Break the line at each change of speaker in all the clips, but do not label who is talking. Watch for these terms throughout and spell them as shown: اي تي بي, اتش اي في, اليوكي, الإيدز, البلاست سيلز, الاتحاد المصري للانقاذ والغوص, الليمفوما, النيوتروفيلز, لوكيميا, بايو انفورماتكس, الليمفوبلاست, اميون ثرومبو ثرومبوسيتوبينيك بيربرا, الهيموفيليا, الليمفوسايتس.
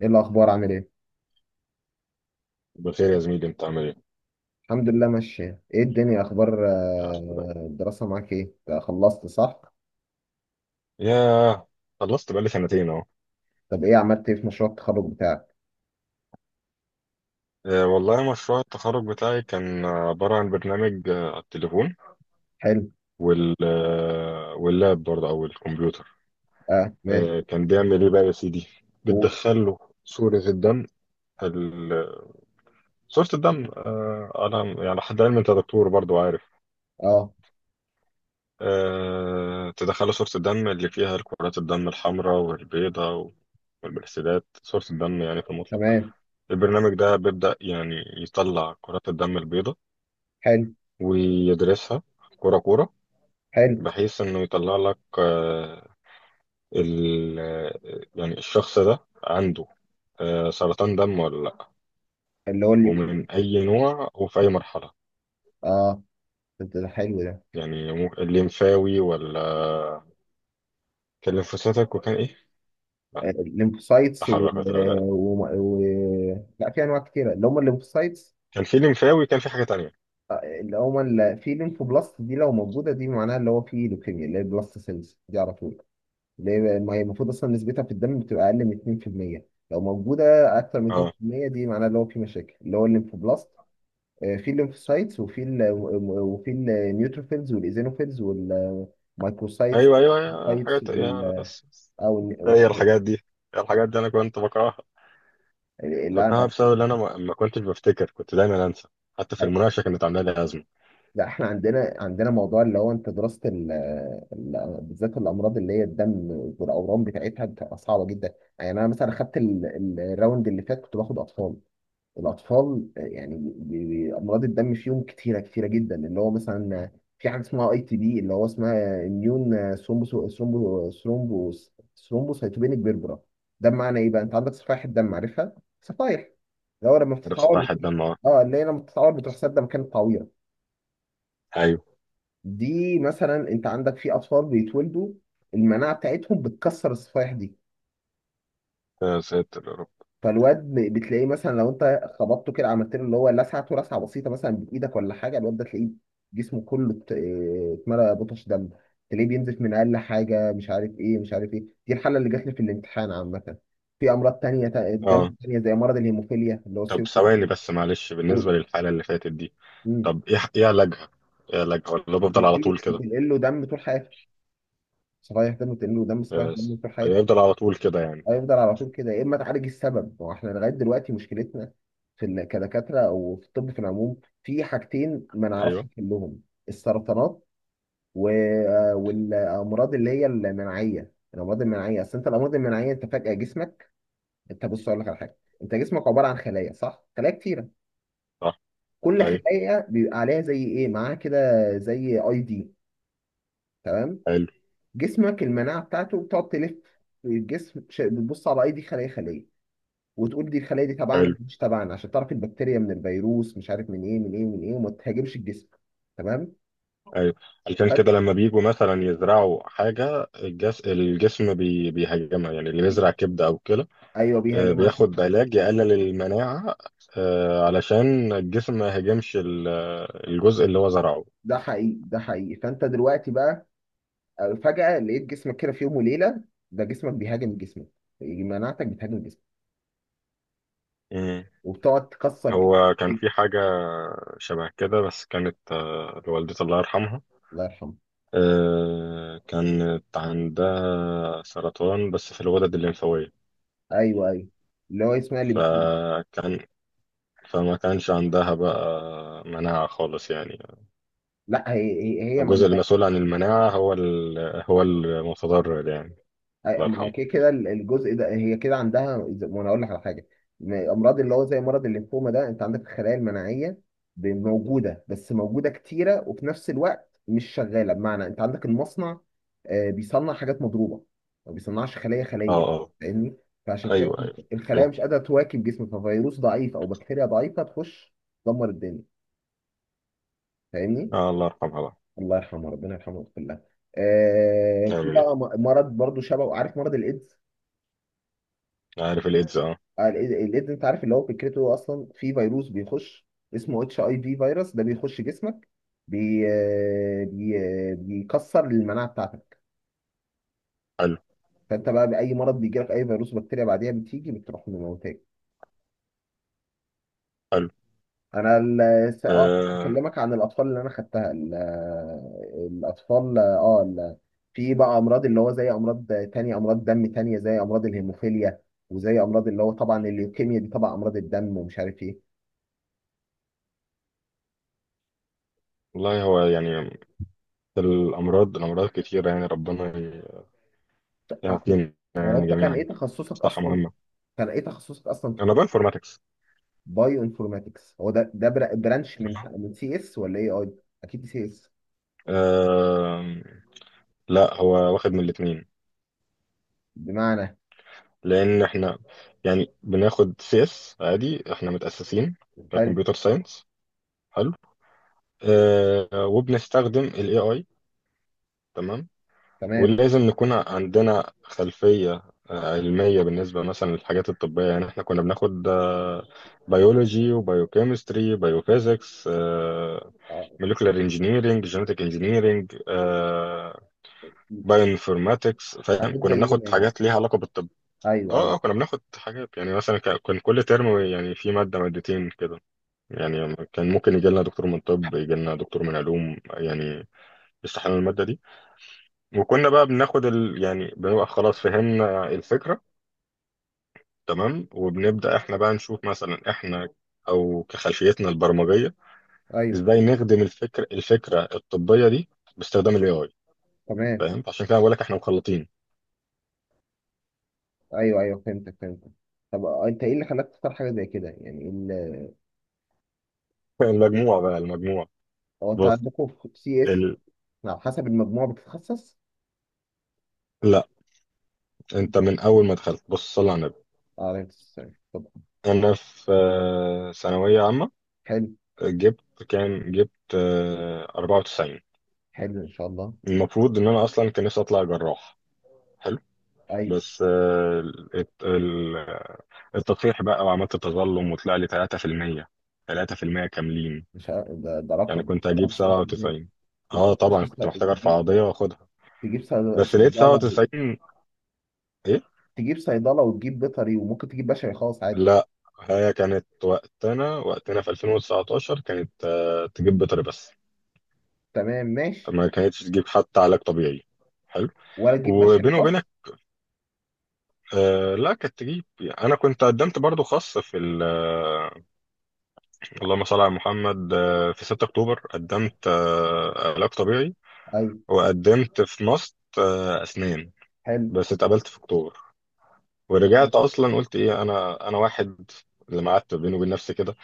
ايه الاخبار؟ عامل ايه؟
بخير يا زميلي، انت عامل ايه؟
الحمد لله ماشيه. ايه الدنيا؟ اخبار
يا رب دايما.
الدراسه معاك ايه؟ أنت خلصت صح؟
ياه. خلصت بقالي سنتين اهو.
طب عملت ايه في مشروع التخرج بتاعك؟
والله مشروع التخرج بتاعي كان عبارة عن برنامج على التليفون.
حلو.
واللاب برضه او الكمبيوتر.
اه، ماشي.
كان بيعمل ايه بقى يا سيدي؟
قول.
بتدخل له صورة الدم. ال- صورة الدم على يعني حد علم، انت دكتور برضه عارف.
اه.
تدخل له صورة الدم اللي فيها الكرات الدم الحمراء والبيضاء والبلاستيدات. صورة الدم يعني في المطلق.
تمام.
البرنامج ده بيبدأ يعني يطلع كرات الدم البيضاء
حلو.
ويدرسها كرة كرة،
حلو.
بحيث إنه يطلع لك ال آه، يعني الشخص ده عنده سرطان دم ولا لأ،
اللي هو اليوكي.
ومن أي نوع وفي أي مرحلة.
اه. ده حلو ده.
يعني الليمفاوي، ولا كان ليمفوسيتك، وكان إيه؟ لا.
الليمفوسايتس و...
تحرك ولا
و... و... لا، في انواع كتيره اللي هم الليمفوسايتس.
كان في ليمفاوي، كان في حاجة تانية.
في ليمفوبلاست دي، لو موجوده دي معناها اللي هو في لوكيميا، اللي هي البلاست سيلز دي على طول. ليه؟ ما هي المفروض اصلا نسبتها في الدم بتبقى اقل من 2%. لو موجوده اكتر من
أه،
2% دي معناها اللي هو في مشاكل، اللي هو الليمفوبلاست. في الليمفوسايتس، وفي ال وفي النيوتروفيلز والايزينوفيلز والمايكروسايتس
أيوه أيوه أيوه
والسايتس
الحاجات، يا بس. هي
والحاجات
الحاجات
دي.
دي، الحاجات دي أنا كنت بكرهها.
اللي انا
بكرهها
عارفها.
بسبب ان انا ما كنتش بفتكر، كنت دايما انسى. حتى في المناقشه كانت عامله لي ازمه.
لا، احنا عندنا موضوع اللي هو انت دراسه بالذات الامراض اللي هي الدم والاورام بتاعتها بتبقى صعبه جدا. يعني انا مثلا اخدت الراوند اللي فات كنت باخد اطفال. الاطفال يعني امراض الدم فيهم كتيره جدا. اللي هو مثلا في حاجه اسمها اي تي بي، اللي هو اسمها اميون ثرومبو ثرومبوسيتوبينيك بيربرا. ده بمعنى ايه بقى؟ انت عندك صفائح الدم، عارفها؟ صفائح اللي هو لما
عارف
بتتعور
سطح
بتروح.
الدم، اه.
اه، اللي هي لما بتتعور بتروح سادة مكان التعويره.
ايوه.
دي مثلا انت عندك في اطفال بيتولدوا المناعه بتاعتهم بتكسر الصفائح دي.
يا ساتر يا رب.
فالواد بتلاقيه مثلا لو انت خبطته كده، عملت له اللي هو لسعته لسعه بسيطه مثلا بايدك ولا حاجه، الواد ده تلاقيه جسمه كله اتملى بطش دم. تلاقيه بينزف من اقل حاجه، مش عارف ايه مش عارف ايه. دي الحاله اللي جات لي في الامتحان عامه. في امراض دم
اه.
تانية زي مرض الهيموفيليا اللي هو
طب
سيرة
ثواني بس، معلش، بالنسبه
الدهون.
للحاله اللي فاتت دي،
مم.
طب ايه علاجها؟ ايه علاجها، ولا بفضل على
بتنقل
طول كده؟
بتنقل له دم طول حياته. صفائح دم بتنقل له دم، صفائح دم
يس.
طول حياته.
يفضل على طول كده يعني.
هيفضل على طول كده، يا اما تعالج السبب. هو احنا لغايه دلوقتي مشكلتنا في كدكاتره او في الطب في العموم، في حاجتين ما نعرفش
ايوه،
نحلهم: السرطانات و... آه، والامراض اللي هي المناعيه. الامراض المناعيه، اصل انت الامراض المناعيه انت فجاه جسمك. انت بص، اقول لك على حاجه. انت جسمك عباره عن خلايا، صح؟ خلايا كتيره،
صح.
كل
ايوه.
خلايا بيبقى عليها زي ايه معاها كده، زي اي دي. تمام؟
حلو
جسمك المناعه بتاعته بتقعد تلف في الجسم، بتبص على اي دي خليه خليه، وتقول دي الخلايا دي
حلو.
تبعنا مش تبعنا، عشان تعرف البكتيريا من الفيروس، مش عارف من ايه من ايه من ايه، وما تهاجمش الجسم. تمام؟
ايوه. عشان
فأنت-
كده لما بيجوا مثلا يزرعوا حاجه، الجسم بيهاجمها، يعني اللي بيزرع كبده او كلى.
ايوه بيهاجم عشان.
بياخد علاج يقلل المناعة علشان الجسم ما يهاجمش الجزء اللي هو زرعه.
ده حقيقي، ده حقيقي. فانت دلوقتي بقى فجأة لقيت جسمك كده في يوم وليلة، ده جسمك بيهاجم جسمك، مناعتك بتهاجم جسمك،
مم.
وبتقعد تكسر فيه.
هو كان في حاجة شبه كده، بس كانت لوالدتي الله يرحمها.
الله يرحمه.
كانت عندها سرطان، بس في الغدد الليمفاوية.
ايوه ايوه. اللي هو اسمها اللي.
فكان، فما كانش عندها بقى مناعة خالص يعني.
لا، هي ما.
الجزء المسؤول عن المناعة هو هو المتضرر يعني.
أي-
الله
ما هو
يرحمه.
كده كده الجزء ده هي كده عندها ما انا اقول لك على حاجه. امراض اللي هو زي مرض الليمفوما، ده انت عندك الخلايا المناعيه موجوده، بس موجوده كتيره، وفي نفس الوقت مش شغاله. بمعنى انت عندك المصنع بيصنع حاجات مضروبه، ما بيصنعش خليه
اه
خليه.
اه.
فاهمني؟ فعشان كده
ايوه ايوه.
الخلايا مش قادره تواكب جسمك، ففيروس ضعيف او بكتيريا ضعيفه تخش تدمر الدنيا. فاهمني؟
آه، الله يرحمها بقى.
الله يرحمه، ربنا يرحمه ويغفر له. في
آمين.
بقى مرض برضو شبه، عارف مرض الايدز؟
عارف الإيدز، آه.
الإيدز انت عارف اللي هو فكرته اصلا، في فيروس بيخش اسمه اتش اي في. فيروس ده بيخش جسمك، بي آه، بي آه، بيكسر المناعه بتاعتك.
حلو.
فانت بقى باي مرض بيجي لك، اي فيروس بكتيريا بعديها بتيجي بتروح مموتاك.
حلو.
انا كنت
آه،
بكلمك عن الاطفال اللي انا خدتها الاطفال في بقى امراض اللي هو زي امراض تانية، امراض دم تانية زي امراض الهيموفيليا وزي امراض اللي هو طبعا الليوكيميا، دي طبعا امراض الدم ومش عارف ايه.
والله هو يعني الأمراض، الأمراض كتيرة، يعني ربنا يعافينا
هو
يعني
انت كان
جميعا.
ايه تخصصك
صحة
اصلا؟
مهمة.
كان ايه تخصصك اصلا في
أنا بانفورماتكس.
بايو انفورماتكس؟ هو ده ده برانش من سي اس ولا ايه اي؟ اكيد سي اس.
آه، لا، هو واخد من الاتنين.
بمعنى.
لأن إحنا يعني بناخد CS عادي، إحنا متأسسين
حلو.
كمبيوتر ساينس. حلو. وبنستخدم ال AI. تمام.
تمام.
ولازم نكون عندنا خلفية علمية بالنسبة مثلا للحاجات الطبية. يعني احنا كنا بناخد بيولوجي وبيوكيمستري، بيوفيزيكس،
آه،
موليكولار انجينيرنج، جينيتك انجينيرنج، بايوانفورماتكس. فاهم؟
حاجات
كنا
زينا
بناخد
يعني.
حاجات ليها علاقة بالطب.
ايوه ايوه
اه اه. كنا بناخد حاجات يعني مثلا، كان كل ترم يعني في مادة مادتين كده، يعني كان ممكن يجي لنا دكتور من طب، يجي لنا دكتور من علوم، يعني يشرح لنا المادة دي. وكنا بقى بناخد يعني بنبقى خلاص فهمنا الفكرة. تمام. وبنبدأ احنا بقى نشوف مثلا، احنا او كخلفيتنا البرمجية،
ايوه
ازاي نخدم الفكرة الطبية دي باستخدام الاي اي.
تمام.
فاهم؟ عشان كده بقول لك احنا مخلطين.
ايوه، فهمتك. طب انت ايه اللي خلاك تختار حاجه زي كده يعني
المجموعة بقى، المجموعة.
هو انت
بص.
عندكم في سي اس
ال...
على حسب المجموع بتتخصص؟
لا، انت
آه،
من اول ما دخلت. بص، صلى على النبي.
عليك السلام. طب.
انا في ثانوية عامة
حلو.
جبت كام؟ جبت 94.
حلو ان شاء الله.
المفروض ان انا اصلا كان نفسي اطلع جراح.
ايوه،
بس الت- ال- التطفيح بقى وعملت تظلم، وطلع لي 3%. 3% كاملين،
مش ع- ده
يعني
رقم
كنت هجيب
97%.
97.
كنت
اه،
مش
طبعا
لسه
كنت محتاج ارفع قضية واخدها.
تجيب
بس لقيت
صيدلة؟
97، ايه.
تجيب صيدلة وتجيب بيطري وممكن تجيب بشري خاص عادي.
لا، هي كانت وقتنا، وقتنا في 2019 كانت تجيب بيطري بس.
تمام ماشي.
ما كانتش تجيب حتى علاج طبيعي. حلو.
ولا تجيب بشري
وبيني وبينك،
خاص.
آه، لا كانت تجيب. انا كنت قدمت برضو خاص في ال، اللهم صل على محمد، في 6 اكتوبر قدمت علاج طبيعي،
أيوة.
وقدمت في ماست اسنان.
حلو.
بس اتقبلت في اكتوبر.
تمام.
ورجعت اصلا قلت ايه، انا واحد اللي قعدت بيني وبين نفسي كده.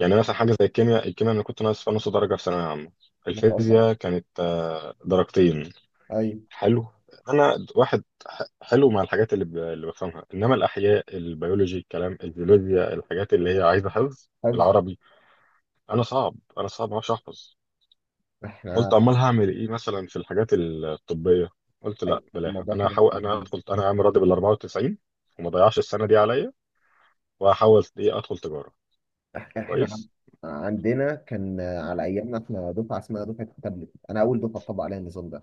يعني مثلا حاجه زي الكيمياء، الكيمياء انا كنت ناقص فيها نص درجه في ثانويه عامه.
ما شاء الله.
الفيزياء كانت درجتين.
أيوة.
حلو. انا واحد حلو مع الحاجات اللي بفهمها، انما الاحياء، البيولوجي، الكلام، الجيولوجيا، الحاجات اللي هي عايزه حفظ،
حفظ.
العربي، انا صعب، انا صعب ما اعرفش احفظ. قلت،
احنا.
امال هعمل ايه مثلا في الحاجات الطبيه؟ قلت، لا
أيوة
بلاها،
الموضوع
انا
كان
هحاول انا
جميل.
ادخل، انا عامل راضي بال 94. وما ضيعش السنه دي عليا، وهحاول ايه ادخل تجاره.
احنا
كويس.
عندنا كان على أيامنا احنا دفعة اسمها دفعة التابلت، أنا أول دفعة طبق عليها النظام ده،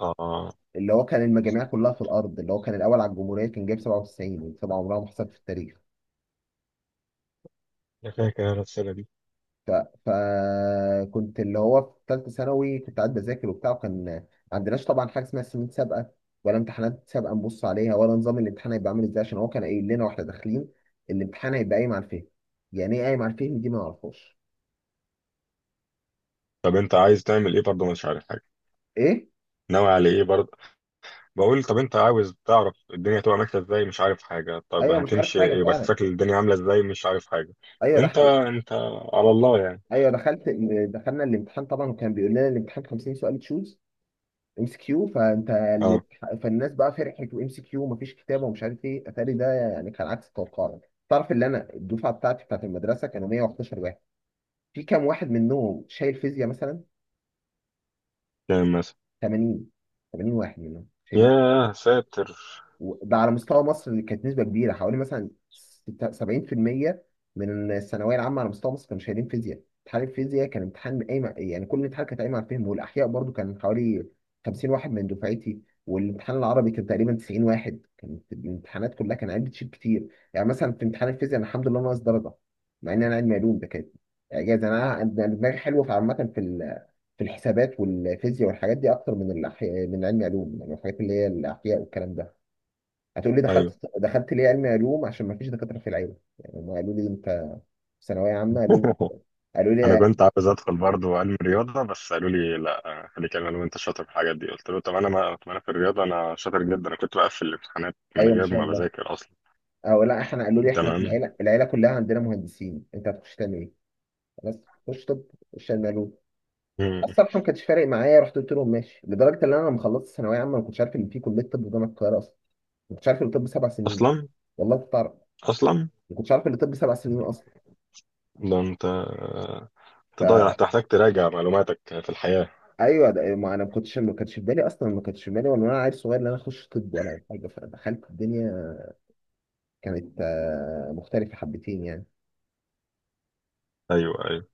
اه.
اللي هو كان المجاميع كلها في الأرض، اللي هو كان الأول على الجمهورية كان جايب 97، والسبعة عمرها ما حصلت في التاريخ.
انا فاكر انا السنه دي.
ف... فكنت اللي هو في ثالثه ثانوي كنت قاعد بذاكر وبتاع، وكان ما عندناش طبعا حاجه اسمها سنين سابقه ولا امتحانات سابقه نبص عليها، ولا نظام الامتحان هيبقى عامل ازاي، عشان هو كان قايل لنا واحنا داخلين الامتحان هيبقى قايم على الفهم. يعني ايه قايم على الفهم؟ دي ما نعرفهاش.
طب انت عايز تعمل ايه؟ برضه مش عارف حاجه.
ايه.
ناوي على ايه برضه؟ بقول، طب انت عاوز تعرف الدنيا تبقى ماشيه ازاي، مش عارف حاجه. طب
ايوه مش عارف
هتمشي،
حاجه
يبقى
فعلا.
شكل الدنيا عامله ازاي، مش عارف حاجه.
ايوه ده
انت
حقيقي.
انت على الله يعني.
ايوه. دخلنا الامتحان طبعا وكان بيقول لنا الامتحان 50 سؤال تشوز، ام سي كيو. فانت اللي
اه.
فالناس بقى فرحت، وام سي كيو ومفيش كتابه ومش عارف ايه. اتاري ده يعني كان عكس توقعنا. تعرف ان انا الدفعه بتاعتي بتاعت المدرسه كانوا 111 واحد، في كام واحد منهم شايل فيزياء مثلا؟
كام مثلا؟
80. 80 واحد منهم شايلين.
يا ساتر.
وده على مستوى مصر، اللي كانت نسبة كبيرة حوالي مثلا 70% من الثانوية العامة على مستوى مصر كانوا شايلين فيزياء. امتحان الفيزياء كان امتحان قايم، يعني كل امتحان كان قايم على الفهم. والأحياء برضو كان حوالي 50 واحد من دفعتي، والامتحان العربي كان تقريبا 90 واحد. كانت الامتحانات كلها كان عيال بتشيل كتير. يعني مثلا في امتحان الفيزياء انا الحمد لله ناقص درجة، مع ان انا علمي علوم، ده كانت اعجاز. انا أنا دماغي حلوه في عامه في في الحسابات والفيزياء والحاجات دي اكتر من الاحياء، من علمي علوم يعني الحاجات اللي هي الاحياء والكلام ده. هتقول لي
ايوه.
دخلت ليه علمي علوم؟ عشان ما فيش دكاتره في العيله. يعني هم قالوا لي انت في ثانويه عامه، قالوا لي، قالوا
انا
لي،
كنت عاوز ادخل برضه علم رياضه، بس قالوا لي لا، خليك علم وانت شاطر في الحاجات دي. قلت له، طب انا، ما طب انا في الرياضه انا شاطر جدا. انا كنت بقفل الامتحانات من
ايوه ان
غير
شاء
ما
الله.
بذاكر اصلا.
او لا، احنا قالوا لي احنا في
تمام.
العيله، العيله كلها عندنا مهندسين، انت هتخش تعمل ايه؟ بس خش طب، خش علمي علوم.
مم.
الصراحه ما كانش فارق معايا، رحت قلت لهم ماشي. لدرجه ان انا لما خلصت ثانويه عامه ما كنتش عارف ان في كليه طب جامعه القاهره اصلا. ما كنتش عارف ان الطب 7 سنين.
اصلا.
والله كنت اعرف.
اصلا.
ما كنتش عارف ان الطب سبع سنين اصلا.
ده انت، انت ضايع، انت محتاج تراجع معلوماتك في الحياه.
فايوه ده ما انا ما كنتش، ما كانش في بالي اصلا، ما كانش في بالي وانا عيل صغير ان انا اخش طب ولا اي حاجه. فدخلت الدنيا كانت مختلفة حبتين يعني.
ايوه.